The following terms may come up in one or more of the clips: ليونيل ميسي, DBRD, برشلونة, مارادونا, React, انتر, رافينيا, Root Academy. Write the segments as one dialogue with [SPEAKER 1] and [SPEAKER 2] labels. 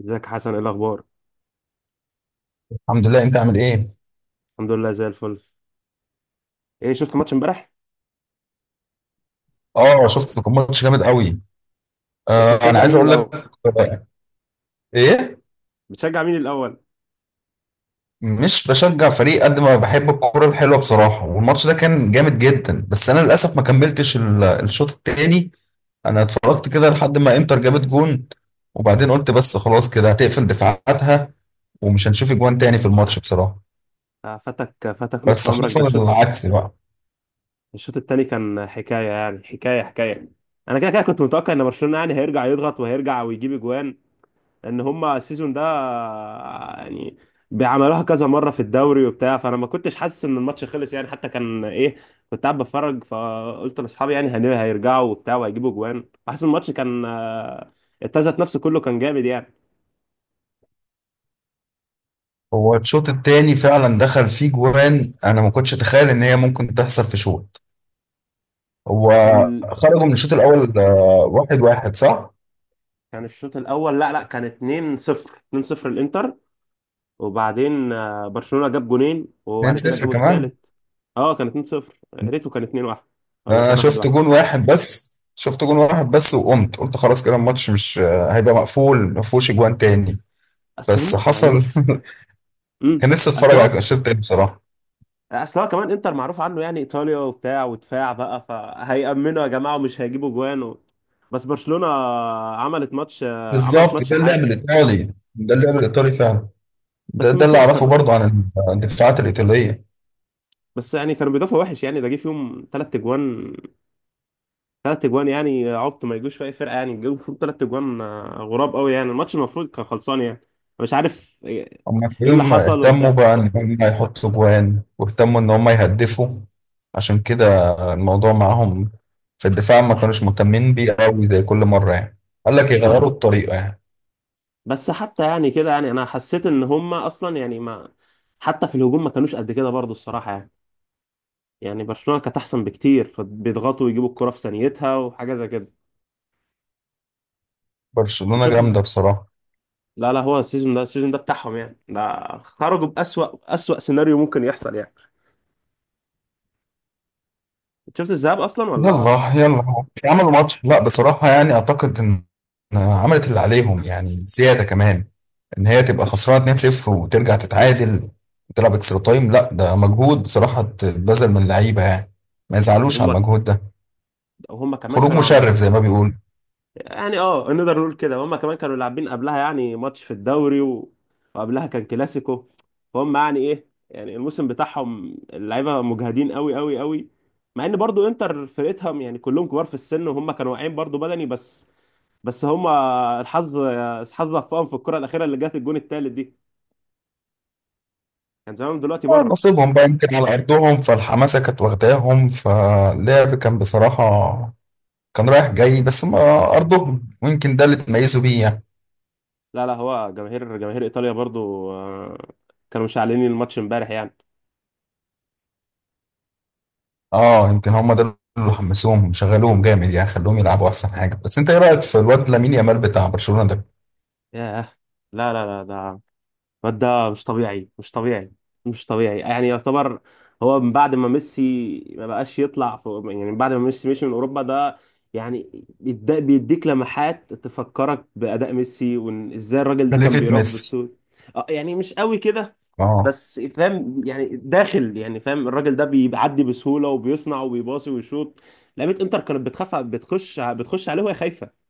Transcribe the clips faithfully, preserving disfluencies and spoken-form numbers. [SPEAKER 1] ازيك يا حسن، ايه الاخبار؟
[SPEAKER 2] الحمد لله، انت عامل ايه؟
[SPEAKER 1] الحمد لله، زي الفل. ايه، شفت ماتش امبارح؟
[SPEAKER 2] اه شفت، كان ماتش جامد قوي.
[SPEAKER 1] انت
[SPEAKER 2] آه انا
[SPEAKER 1] بتشجع
[SPEAKER 2] عايز
[SPEAKER 1] مين
[SPEAKER 2] اقول
[SPEAKER 1] الاول؟
[SPEAKER 2] لك. آه، ايه،
[SPEAKER 1] بتشجع مين الاول؟
[SPEAKER 2] مش بشجع فريق قد ما بحب الكوره الحلوه بصراحه، والماتش ده كان جامد جدا، بس انا للاسف ما كملتش ال- الشوط التاني. انا اتفرجت كده لحد ما انتر جابت جون، وبعدين قلت بس خلاص كده هتقفل دفاعاتها ومش هنشوف اجوان تاني في
[SPEAKER 1] مم.
[SPEAKER 2] الماتش بصراحه.
[SPEAKER 1] آه، فاتك فاتك نص
[SPEAKER 2] بس
[SPEAKER 1] عمرك ده
[SPEAKER 2] حصل
[SPEAKER 1] الشوط.
[SPEAKER 2] العكس بقى.
[SPEAKER 1] الشوط التاني كان حكايه، يعني حكايه حكايه. انا كده كده كنت متوقع ان برشلونه يعني هيرجع يضغط وهيرجع ويجيب اجوان. ان هما السيزون ده، آه، يعني بيعملوها كذا مره في الدوري وبتاع، فانا ما كنتش حاسس ان الماتش خلص يعني، حتى كان ايه. كنت قاعد بتفرج فقلت لاصحابي يعني هن- هيرجعوا وبتاع وهيجيبوا اجوان، حاسس الماتش كان، آه، التزت نفسه كله كان جامد يعني.
[SPEAKER 2] هو الشوط التاني فعلا دخل فيه جوان، انا ما كنتش اتخيل ان هي ممكن تحصل في شوط. هو
[SPEAKER 1] ال...
[SPEAKER 2] خرجوا من الشوط الاول آه، واحد واحد صح؟
[SPEAKER 1] كان الشوط الاول، لا لا، كان اتنين صفر، اثنين صفر الانتر. وبعدين آه، برشلونة جاب جونين، وبعد كده
[SPEAKER 2] اتنين صفر
[SPEAKER 1] جابوا
[SPEAKER 2] كمان؟
[SPEAKER 1] الثالث. اه، كان اثنين صفر، ريتو كان اثنين واحد، ولا
[SPEAKER 2] انا
[SPEAKER 1] كان واحد
[SPEAKER 2] شفت
[SPEAKER 1] واحد.
[SPEAKER 2] جون واحد بس، شفت جون واحد بس وقمت قلت خلاص كده الماتش مش آه، هيبقى مقفول، ما فيهوش اجوان تاني.
[SPEAKER 1] اصل
[SPEAKER 2] بس
[SPEAKER 1] هم يعني
[SPEAKER 2] حصل
[SPEAKER 1] هو، امم
[SPEAKER 2] كان لسه اتفرج
[SPEAKER 1] اصل هو
[SPEAKER 2] على الشوط التاني بصراحه.
[SPEAKER 1] اصل هو كمان انتر معروف عنه يعني ايطاليا وبتاع ودفاع بقى، فهيأمنوا يا جماعة ومش هيجيبوا جوان و... بس برشلونة عملت ماتش آه، عملت
[SPEAKER 2] بالظبط
[SPEAKER 1] ماتش
[SPEAKER 2] ده اللعب
[SPEAKER 1] حاد.
[SPEAKER 2] الايطالي، ده اللعب الايطالي فعلا. ده
[SPEAKER 1] بس
[SPEAKER 2] ده
[SPEAKER 1] ما في
[SPEAKER 2] اللي اعرفه برضه عن الدفاعات الايطاليه.
[SPEAKER 1] بس يعني كانوا بيدافعوا وحش، يعني ده جه فيهم ثلاث اجوان، ثلاث اجوان يعني عبط ما يجوش في اي فرقه، يعني جابوا المفروض ثلاث اجوان، آه، غراب قوي، يعني الماتش المفروض كان خلصان يعني. مش عارف ايه.
[SPEAKER 2] هم
[SPEAKER 1] إيه اللي
[SPEAKER 2] تلاقيهم
[SPEAKER 1] حصل
[SPEAKER 2] اهتموا
[SPEAKER 1] وبتاع.
[SPEAKER 2] بقى إن هم يحطوا جوان واهتموا إن هم يهدفوا، عشان كده الموضوع معاهم في الدفاع ما
[SPEAKER 1] بس ح...
[SPEAKER 2] كانوش مهتمين بيه قوي زي كل مرة يعني. قال لك يغيروا
[SPEAKER 1] آه،
[SPEAKER 2] الطريقة يعني.
[SPEAKER 1] بس حتى يعني كده، يعني انا حسيت ان هم اصلا يعني ما، حتى في الهجوم ما كانوش قد كده برضو الصراحه يعني. يعني برشلونه كانت احسن بكتير، فبيضغطوا ويجيبوا الكره في ثانيتها وحاجه زي كده. انت
[SPEAKER 2] برشلونة
[SPEAKER 1] شفت
[SPEAKER 2] جامدة
[SPEAKER 1] الز-
[SPEAKER 2] بصراحة.
[SPEAKER 1] لا لا، هو السيزون ده السيزون ده بتاعهم يعني، ده خرجوا بأسوأ أسوأ سيناريو ممكن يحصل يعني. انت شفت الذهاب اصلا، ولا؟
[SPEAKER 2] يلا يلا مش عملوا ماتش؟ لا بصراحة يعني أعتقد إن، إن عملت اللي عليهم يعني زيادة كمان. إن هي
[SPEAKER 1] ما
[SPEAKER 2] تبقى
[SPEAKER 1] كانش.
[SPEAKER 2] خسرانة اتنين صفر وترجع تتعادل وتلعب اكسترا تايم، لا ده مجهود بصراحة اتبذل من اللعيبة يعني. ما يزعلوش على
[SPEAKER 1] هم
[SPEAKER 2] المجهود ده.
[SPEAKER 1] وهم كمان
[SPEAKER 2] خروج
[SPEAKER 1] كانوا
[SPEAKER 2] مشرف
[SPEAKER 1] عبل...
[SPEAKER 2] زي ما بيقولوا.
[SPEAKER 1] يعني، اه، نقدر نقول كده هم كمان كانوا لاعبين قبلها، يعني ماتش في الدوري و... وقبلها كان كلاسيكو. فهم يعني ايه، يعني الموسم بتاعهم اللعيبه مجهدين قوي قوي قوي. مع ان برضو انتر فرقتهم يعني كلهم كبار في السن، وهم كانوا واقعين برضو بدني. بس بس هم، الحظ الحظ وفقهم في الكره الاخيره اللي جت، الجون التالت دي كان زمانهم دلوقتي بره.
[SPEAKER 2] نصيبهم بقى، يمكن على أرضهم فالحماسة كانت واخداهم، فاللعب كان بصراحة كان رايح جاي. بس ما، أرضهم ويمكن ده اللي تميزوا بيه يعني.
[SPEAKER 1] لا لا، هو جماهير جماهير ايطاليا برضو، آه، كانوا مشعلين الماتش امبارح يعني.
[SPEAKER 2] اه يمكن هما ده اللي حمسوهم، شغلوهم جامد يعني، خلوهم يلعبوا أحسن حاجة. بس أنت إيه رأيك في الواد لامين يامال بتاع برشلونة ده؟
[SPEAKER 1] ياه. لا لا لا، ده الواد ده مش طبيعي، مش طبيعي مش طبيعي، يعني يعتبر هو من بعد ما ميسي ما بقاش يطلع في، يعني من بعد ما ميسي مشي من اوروبا ده يعني بيد- بيديك لمحات تفكرك باداء ميسي، وان ازاي الراجل ده كان
[SPEAKER 2] خليفة
[SPEAKER 1] بيراوغ
[SPEAKER 2] ميسي.
[SPEAKER 1] بالسود. آه، يعني مش قوي كده،
[SPEAKER 2] اه
[SPEAKER 1] بس فاهم يعني داخل، يعني فاهم، الراجل ده بيعدي بسهوله وبيصنع وبيباصي ويشوط. لعيبه انتر كانت بتخاف، بتخش بتخش عليه وهي خايفه.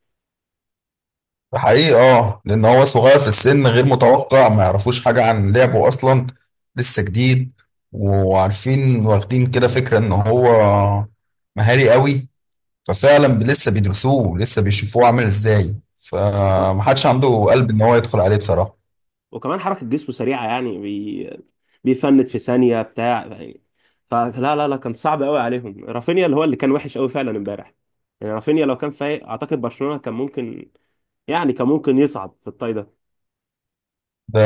[SPEAKER 2] ده حقيقي، اه لأن هو صغير في السن غير متوقع، ما يعرفوش حاجة عن لعبه أصلا، لسه جديد. وعارفين، واخدين كده فكرة إن هو مهاري قوي، ففعلا لسه بيدرسوه، لسه بيشوفوه عامل ازاي، فمحدش عنده قلب ان هو يدخل عليه بصراحة.
[SPEAKER 1] وكمان حركة جسمه سريعة، يعني بي... بيفند في ثانية بتاع يعني. فلا لا لا، كان صعب قوي عليهم. رافينيا اللي هو اللي كان وحش قوي فعلا امبارح، يعني رافينيا لو كان فايق اعتقد برشلونة كان ممكن، يعني كان ممكن يصعد في الطاي ده.
[SPEAKER 2] ده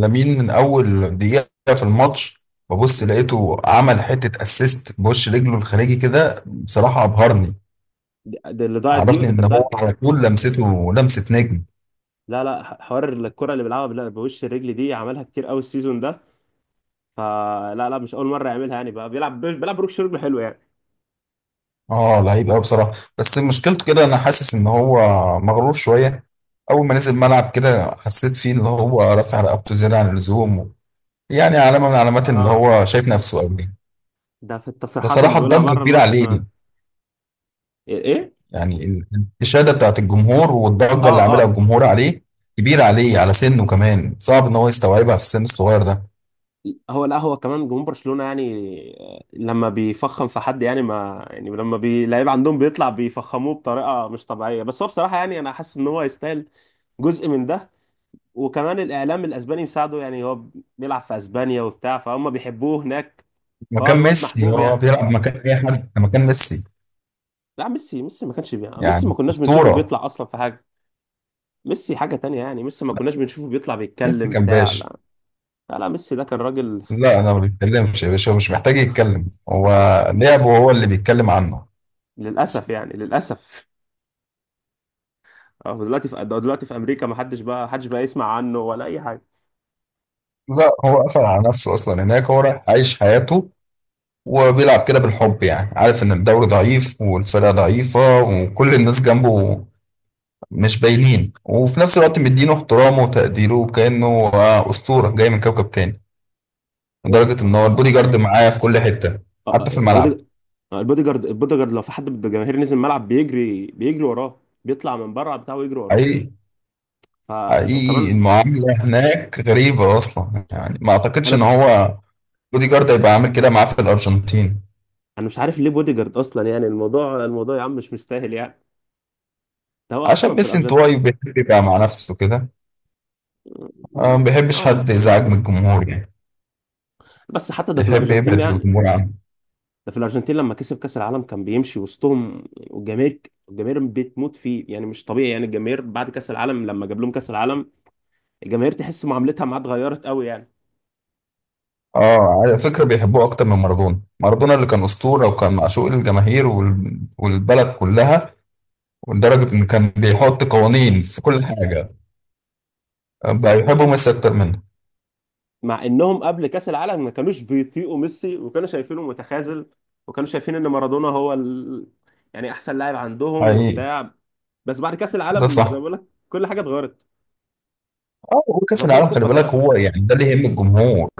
[SPEAKER 2] لامين من اول دقيقة في الماتش ببص
[SPEAKER 1] مم.
[SPEAKER 2] لقيته عمل حتة اسيست بوش رجله الخارجي كده، بصراحة ابهرني.
[SPEAKER 1] دي دي اللي ضاعت دي،
[SPEAKER 2] عرفني
[SPEAKER 1] ودي
[SPEAKER 2] ان
[SPEAKER 1] كانت
[SPEAKER 2] هو
[SPEAKER 1] ضاعت.
[SPEAKER 2] على طول لمسته لمسة نجم.
[SPEAKER 1] لا لا، ح- حوار الكرة اللي بيلعبها بال- بوش الرجل دي عملها كتير قوي السيزون ده، فلا لا مش اول مرة يعملها يعني، بقى بيلعب، بيلعب ركش رجل حلو يعني.
[SPEAKER 2] اه لعيب قوي بصراحة. بس مشكلته كده، انا حاسس ان هو مغرور شوية. اول ما نزل الملعب كده حسيت فيه ان هو رافع رقبته زيادة عن اللزوم، يعني علامة من
[SPEAKER 1] اه.
[SPEAKER 2] علامات ان
[SPEAKER 1] آه.
[SPEAKER 2] هو شايف نفسه قوي.
[SPEAKER 1] ده في التصريحات اللي
[SPEAKER 2] بصراحة
[SPEAKER 1] بيقولها
[SPEAKER 2] الضجة
[SPEAKER 1] بره
[SPEAKER 2] كبيرة
[SPEAKER 1] الماتش
[SPEAKER 2] عليه.
[SPEAKER 1] كمان. ايه إيه؟
[SPEAKER 2] يعني ال- الإشادة بتاعت الجمهور والضجة
[SPEAKER 1] اه،
[SPEAKER 2] اللي عاملها
[SPEAKER 1] اه.
[SPEAKER 2] الجمهور عليه كبيرة عليه على سنه، كمان صعب إن هو يستوعبها في السن الصغير ده.
[SPEAKER 1] هو لا، هو كمان جمهور برشلونة يعني، آه، لما بيفخم في حد يعني، ما يعني، لما بي- لعيب عندهم بيطلع بيفخموه بطريقة مش طبيعية، بس هو بصراحة يعني، انا حاسس ان هو يستاهل جزء من ده. وكمان الاعلام الاسباني مساعده يعني، هو بيلعب في اسبانيا وبتاع، فهم بيحبوه هناك، فهو
[SPEAKER 2] مكان
[SPEAKER 1] الواد
[SPEAKER 2] ميسي،
[SPEAKER 1] محبوب
[SPEAKER 2] هو
[SPEAKER 1] يعني.
[SPEAKER 2] بيلعب مكان أي حد؟ ده مكان ميسي،
[SPEAKER 1] لا، ميسي ميسي ما كانش بي... ميسي ما
[SPEAKER 2] يعني
[SPEAKER 1] كناش بنشوفه
[SPEAKER 2] أسطورة.
[SPEAKER 1] بيطلع اصلا في حاجة. ميسي حاجة تانية يعني، ميسي ما كناش بنشوفه بيطلع
[SPEAKER 2] ميسي
[SPEAKER 1] بيتكلم
[SPEAKER 2] كان
[SPEAKER 1] بتاع،
[SPEAKER 2] باشا.
[SPEAKER 1] لا. لا لا، ميسي ده كان راجل.
[SPEAKER 2] لا أنا ما بيتكلمش يا باشا، هو مش محتاج يتكلم، هو لعبه هو اللي بيتكلم عنه.
[SPEAKER 1] للأسف يعني للأسف. اه، دلوقتي في ده، دلوقتي في امريكا ما حدش بقى، حدش بقى يسمع عنه ولا اي حاجه.
[SPEAKER 2] لا هو قفل على نفسه اصلا هناك، هو رايح عايش حياته وبيلعب كده بالحب، يعني عارف ان الدوري ضعيف والفرقه ضعيفه وكل الناس جنبه مش باينين، وفي نفس الوقت مدينه احترامه وتقديره وكأنه آه، أسطورة جاي من كوكب تاني،
[SPEAKER 1] إيه،
[SPEAKER 2] لدرجة إن
[SPEAKER 1] هو
[SPEAKER 2] هو
[SPEAKER 1] يخ-
[SPEAKER 2] البودي
[SPEAKER 1] آه،
[SPEAKER 2] جارد معاه في كل حتة،
[SPEAKER 1] آه،
[SPEAKER 2] حتى في الملعب.
[SPEAKER 1] البودي- آه، البودي جارد البودي جارد لو في حد من الجماهير نزل الملعب بيجري بيجري وراه، بيطلع من بره بتاعه ويجري وراه.
[SPEAKER 2] حقيقي.
[SPEAKER 1] فلو
[SPEAKER 2] حقيقي
[SPEAKER 1] كمان،
[SPEAKER 2] المعاملة هناك غريبة أصلا، يعني ما أعتقدش إن
[SPEAKER 1] انا
[SPEAKER 2] هو بودي جارد هيبقى عامل كده معاه في الأرجنتين.
[SPEAKER 1] انا مش عارف ليه بودي جارد اصلا، يعني الموضوع، الموضوع يا عم مش مستاهل يعني. ده هو اصلا
[SPEAKER 2] عشان
[SPEAKER 1] في
[SPEAKER 2] ميسي
[SPEAKER 1] الارجنتين.
[SPEAKER 2] انطوائي بيحب يبقى مع نفسه كده، آه، ما
[SPEAKER 1] اه.
[SPEAKER 2] بيحبش
[SPEAKER 1] آه،
[SPEAKER 2] حد يزعج
[SPEAKER 1] ممكن،
[SPEAKER 2] من الجمهور يعني،
[SPEAKER 1] بس حتى ده في
[SPEAKER 2] بيحب
[SPEAKER 1] الارجنتين
[SPEAKER 2] يبعد
[SPEAKER 1] يعني.
[SPEAKER 2] الجمهور عنه.
[SPEAKER 1] ده في الارجنتين لما كسب كاس العالم كان بيمشي وسطهم، والجماهير، الجماهير بتموت فيه يعني مش طبيعي يعني. الجماهير بعد كاس العالم لما جاب لهم كاس العالم، الجماهير تحس معاملتها معاه اتغيرت قوي يعني.
[SPEAKER 2] اه على فكرة بيحبوه اكتر من مارادونا. مارادونا اللي كان اسطورة وكان معشوق الجماهير وال- والبلد كلها، ولدرجة ان كان بيحط قوانين في كل حاجة، بقى
[SPEAKER 1] مع
[SPEAKER 2] يحبوا
[SPEAKER 1] ان
[SPEAKER 2] ميسي اكتر منه.
[SPEAKER 1] مع انهم قبل كاس العالم ما كانوش بيطيقوا ميسي، وكانوا شايفينه متخاذل، وكانوا شايفين ان مارادونا هو ال... يعني احسن لاعب عندهم
[SPEAKER 2] حقيقي.
[SPEAKER 1] وبتاع. بس بعد كاس
[SPEAKER 2] ده
[SPEAKER 1] العالم زي ما
[SPEAKER 2] صح.
[SPEAKER 1] بقول لك، كل حاجه اتغيرت.
[SPEAKER 2] اه وكأس
[SPEAKER 1] وجاب لهم
[SPEAKER 2] العالم خلي
[SPEAKER 1] كوبا
[SPEAKER 2] بالك
[SPEAKER 1] كمان،
[SPEAKER 2] هو يعني ده اللي يهم الجمهور،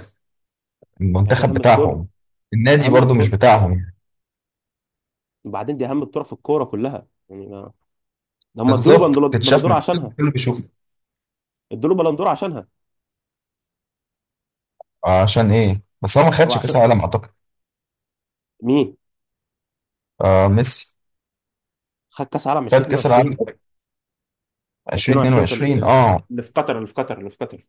[SPEAKER 1] يعني دي
[SPEAKER 2] المنتخب
[SPEAKER 1] اهم بطوله.
[SPEAKER 2] بتاعهم. النادي
[SPEAKER 1] اهم
[SPEAKER 2] برضو مش
[SPEAKER 1] بطوله
[SPEAKER 2] بتاعهم يعني.
[SPEAKER 1] وبعدين، دي اهم بطوله في الكوره كلها يعني ما... هم ادوا له
[SPEAKER 2] بالظبط
[SPEAKER 1] بندل-
[SPEAKER 2] تتشاف
[SPEAKER 1] بلندور
[SPEAKER 2] من
[SPEAKER 1] عشانها.
[SPEAKER 2] الكل، بيشوف.
[SPEAKER 1] ادوا له بلندور عشانها.
[SPEAKER 2] عشان ايه بس هو ما
[SPEAKER 1] هو
[SPEAKER 2] خدش كأس
[SPEAKER 1] عشان،
[SPEAKER 2] العالم اعتقد؟
[SPEAKER 1] مين؟
[SPEAKER 2] آه ميسي،
[SPEAKER 1] خد كاس عالم
[SPEAKER 2] خد كأس العالم
[SPEAKER 1] الفين واتنين وعشرين، اتنين وعشرين في ال...
[SPEAKER 2] ألفين واتنين وعشرين؟
[SPEAKER 1] ال-
[SPEAKER 2] اه
[SPEAKER 1] اللي في قطر، اللي في قطر، اللي في قطر.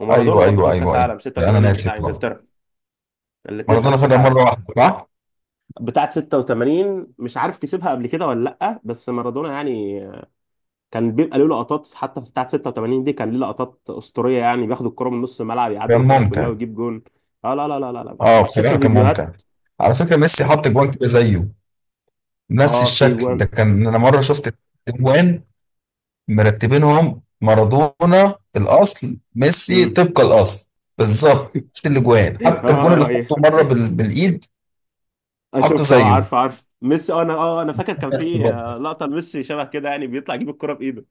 [SPEAKER 1] ومارادونا
[SPEAKER 2] ايوه
[SPEAKER 1] برضو
[SPEAKER 2] ايوه
[SPEAKER 1] خد كاس
[SPEAKER 2] ايوه ايوه.
[SPEAKER 1] عالم
[SPEAKER 2] لا انا
[SPEAKER 1] ستة وتمانين
[SPEAKER 2] ناسي
[SPEAKER 1] بتاع
[SPEAKER 2] والله.
[SPEAKER 1] انجلترا. الاثنين
[SPEAKER 2] مارادونا
[SPEAKER 1] خدوا كاس
[SPEAKER 2] خدها مره
[SPEAKER 1] عالم.
[SPEAKER 2] واحده صح؟
[SPEAKER 1] بتاعه ستة وتمانين مش عارف كسبها قبل كده ولا لا، بس مارادونا يعني، كان بيبقى له لقطات حتى في بتاعه ستة وتمانين دي، كان ليه لقطات اسطوريه يعني، بياخد الكره من نص الملعب يعدي
[SPEAKER 2] كان
[SPEAKER 1] الفرقه كلها
[SPEAKER 2] ممتع.
[SPEAKER 1] ويجيب جون. اه، لا لا لا لا لا،
[SPEAKER 2] اه
[SPEAKER 1] بتشوف
[SPEAKER 2] بصراحه
[SPEAKER 1] له
[SPEAKER 2] كان ممتع.
[SPEAKER 1] فيديوهات.
[SPEAKER 2] على فكره ميسي حط جوان كده زيه، نفس
[SPEAKER 1] اه، في
[SPEAKER 2] الشكل ده،
[SPEAKER 1] جوان.
[SPEAKER 2] كان انا مره شفت جوان مرتبينهم، مارادونا الاصل، ميسي
[SPEAKER 1] امم.
[SPEAKER 2] طبق الاصل،
[SPEAKER 1] اه.
[SPEAKER 2] بالظبط نفس الاجوان، حتى الجون اللي
[SPEAKER 1] آه،
[SPEAKER 2] حطه مره بال... بالايد،
[SPEAKER 1] آه،
[SPEAKER 2] حط
[SPEAKER 1] شفت، اه
[SPEAKER 2] زيه.
[SPEAKER 1] عارف عارف ميسي، اه انا اه انا فاكر كان في، آه، لقطه لميسي شبه كده، يعني بيطلع يجيب الكره بايده.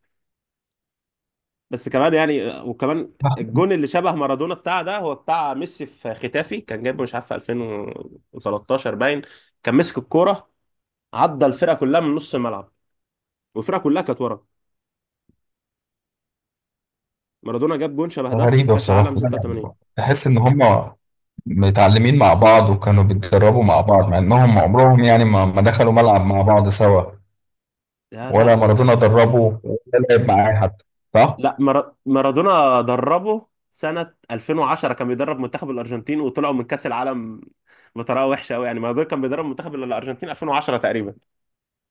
[SPEAKER 1] بس كمان يعني، وكمان الجون اللي شبه مارادونا بتاع ده، هو بتاع ميسي في ختافي، كان جايبه مش عارف في الفين وتلاتة عشر باين، كان مسك الكوره، عدى الفرقه كلها من نص الملعب والفرقه كلها كانت ورا. مارادونا جاب جون شبه ده في
[SPEAKER 2] غريبه
[SPEAKER 1] كاس
[SPEAKER 2] بصراحه،
[SPEAKER 1] عالم
[SPEAKER 2] لا، لا،
[SPEAKER 1] ستة وتمانين.
[SPEAKER 2] تحس ان هم متعلمين مع بعض وكانوا بيتدربوا مع بعض، مع انهم عمرهم يعني ما ما دخلوا ملعب مع بعض سوا،
[SPEAKER 1] لا
[SPEAKER 2] ولا
[SPEAKER 1] لا
[SPEAKER 2] مارادونا
[SPEAKER 1] ما-
[SPEAKER 2] دربه، ولا لعب معاه حتى، صح؟
[SPEAKER 1] لا مارا- مارادونا دربه سنه الفين وعشرة، كان بيدرب منتخب الارجنتين وطلعوا من كاس العالم بطريقه وحشه قوي يعني. مارادونا كان بيدرب منتخب الارجنتين ألفين وعشرة تقريبا،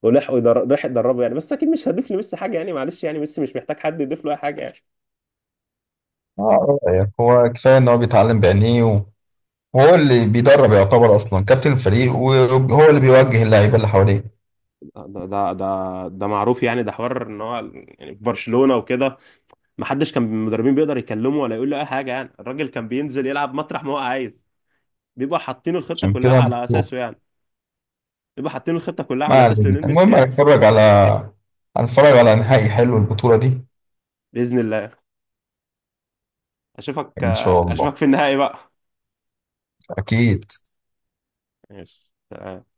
[SPEAKER 1] ولحقوا يدر... راح يدربه يعني، بس اكيد مش هضيف لميسي حاجه يعني، معلش يعني ميسي مش محتاج حد يضيف له اي حاجه يعني.
[SPEAKER 2] اه يعني هو كفايه ان هو بيتعلم بعينيه، وهو اللي بيدرب يعتبر اصلا كابتن الفريق، وهو اللي بيوجه اللعيبه اللي حواليه،
[SPEAKER 1] ده ده ده ده معروف يعني، ده حوار ان هو، يعني في برشلونة وكده ما حدش كان من المدربين بيقدر يكلمه ولا يقول له اي حاجة يعني، الراجل كان بينزل يلعب مطرح ما هو عايز، بيبقى حاطين الخطة
[SPEAKER 2] عشان
[SPEAKER 1] كلها
[SPEAKER 2] كده
[SPEAKER 1] على
[SPEAKER 2] مكسوف.
[SPEAKER 1] اساسه يعني. بيبقى حاطين الخطة كلها على
[SPEAKER 2] ما
[SPEAKER 1] اساس
[SPEAKER 2] علينا،
[SPEAKER 1] ليونيل ميسي
[SPEAKER 2] المهم
[SPEAKER 1] يعني.
[SPEAKER 2] هنتفرج على، هنتفرج على نهائي حلو البطوله دي.
[SPEAKER 1] بإذن الله. اشوفك،
[SPEAKER 2] ان شاء الله.
[SPEAKER 1] اشوفك في النهائي بقى.
[SPEAKER 2] اكيد.
[SPEAKER 1] ماشي.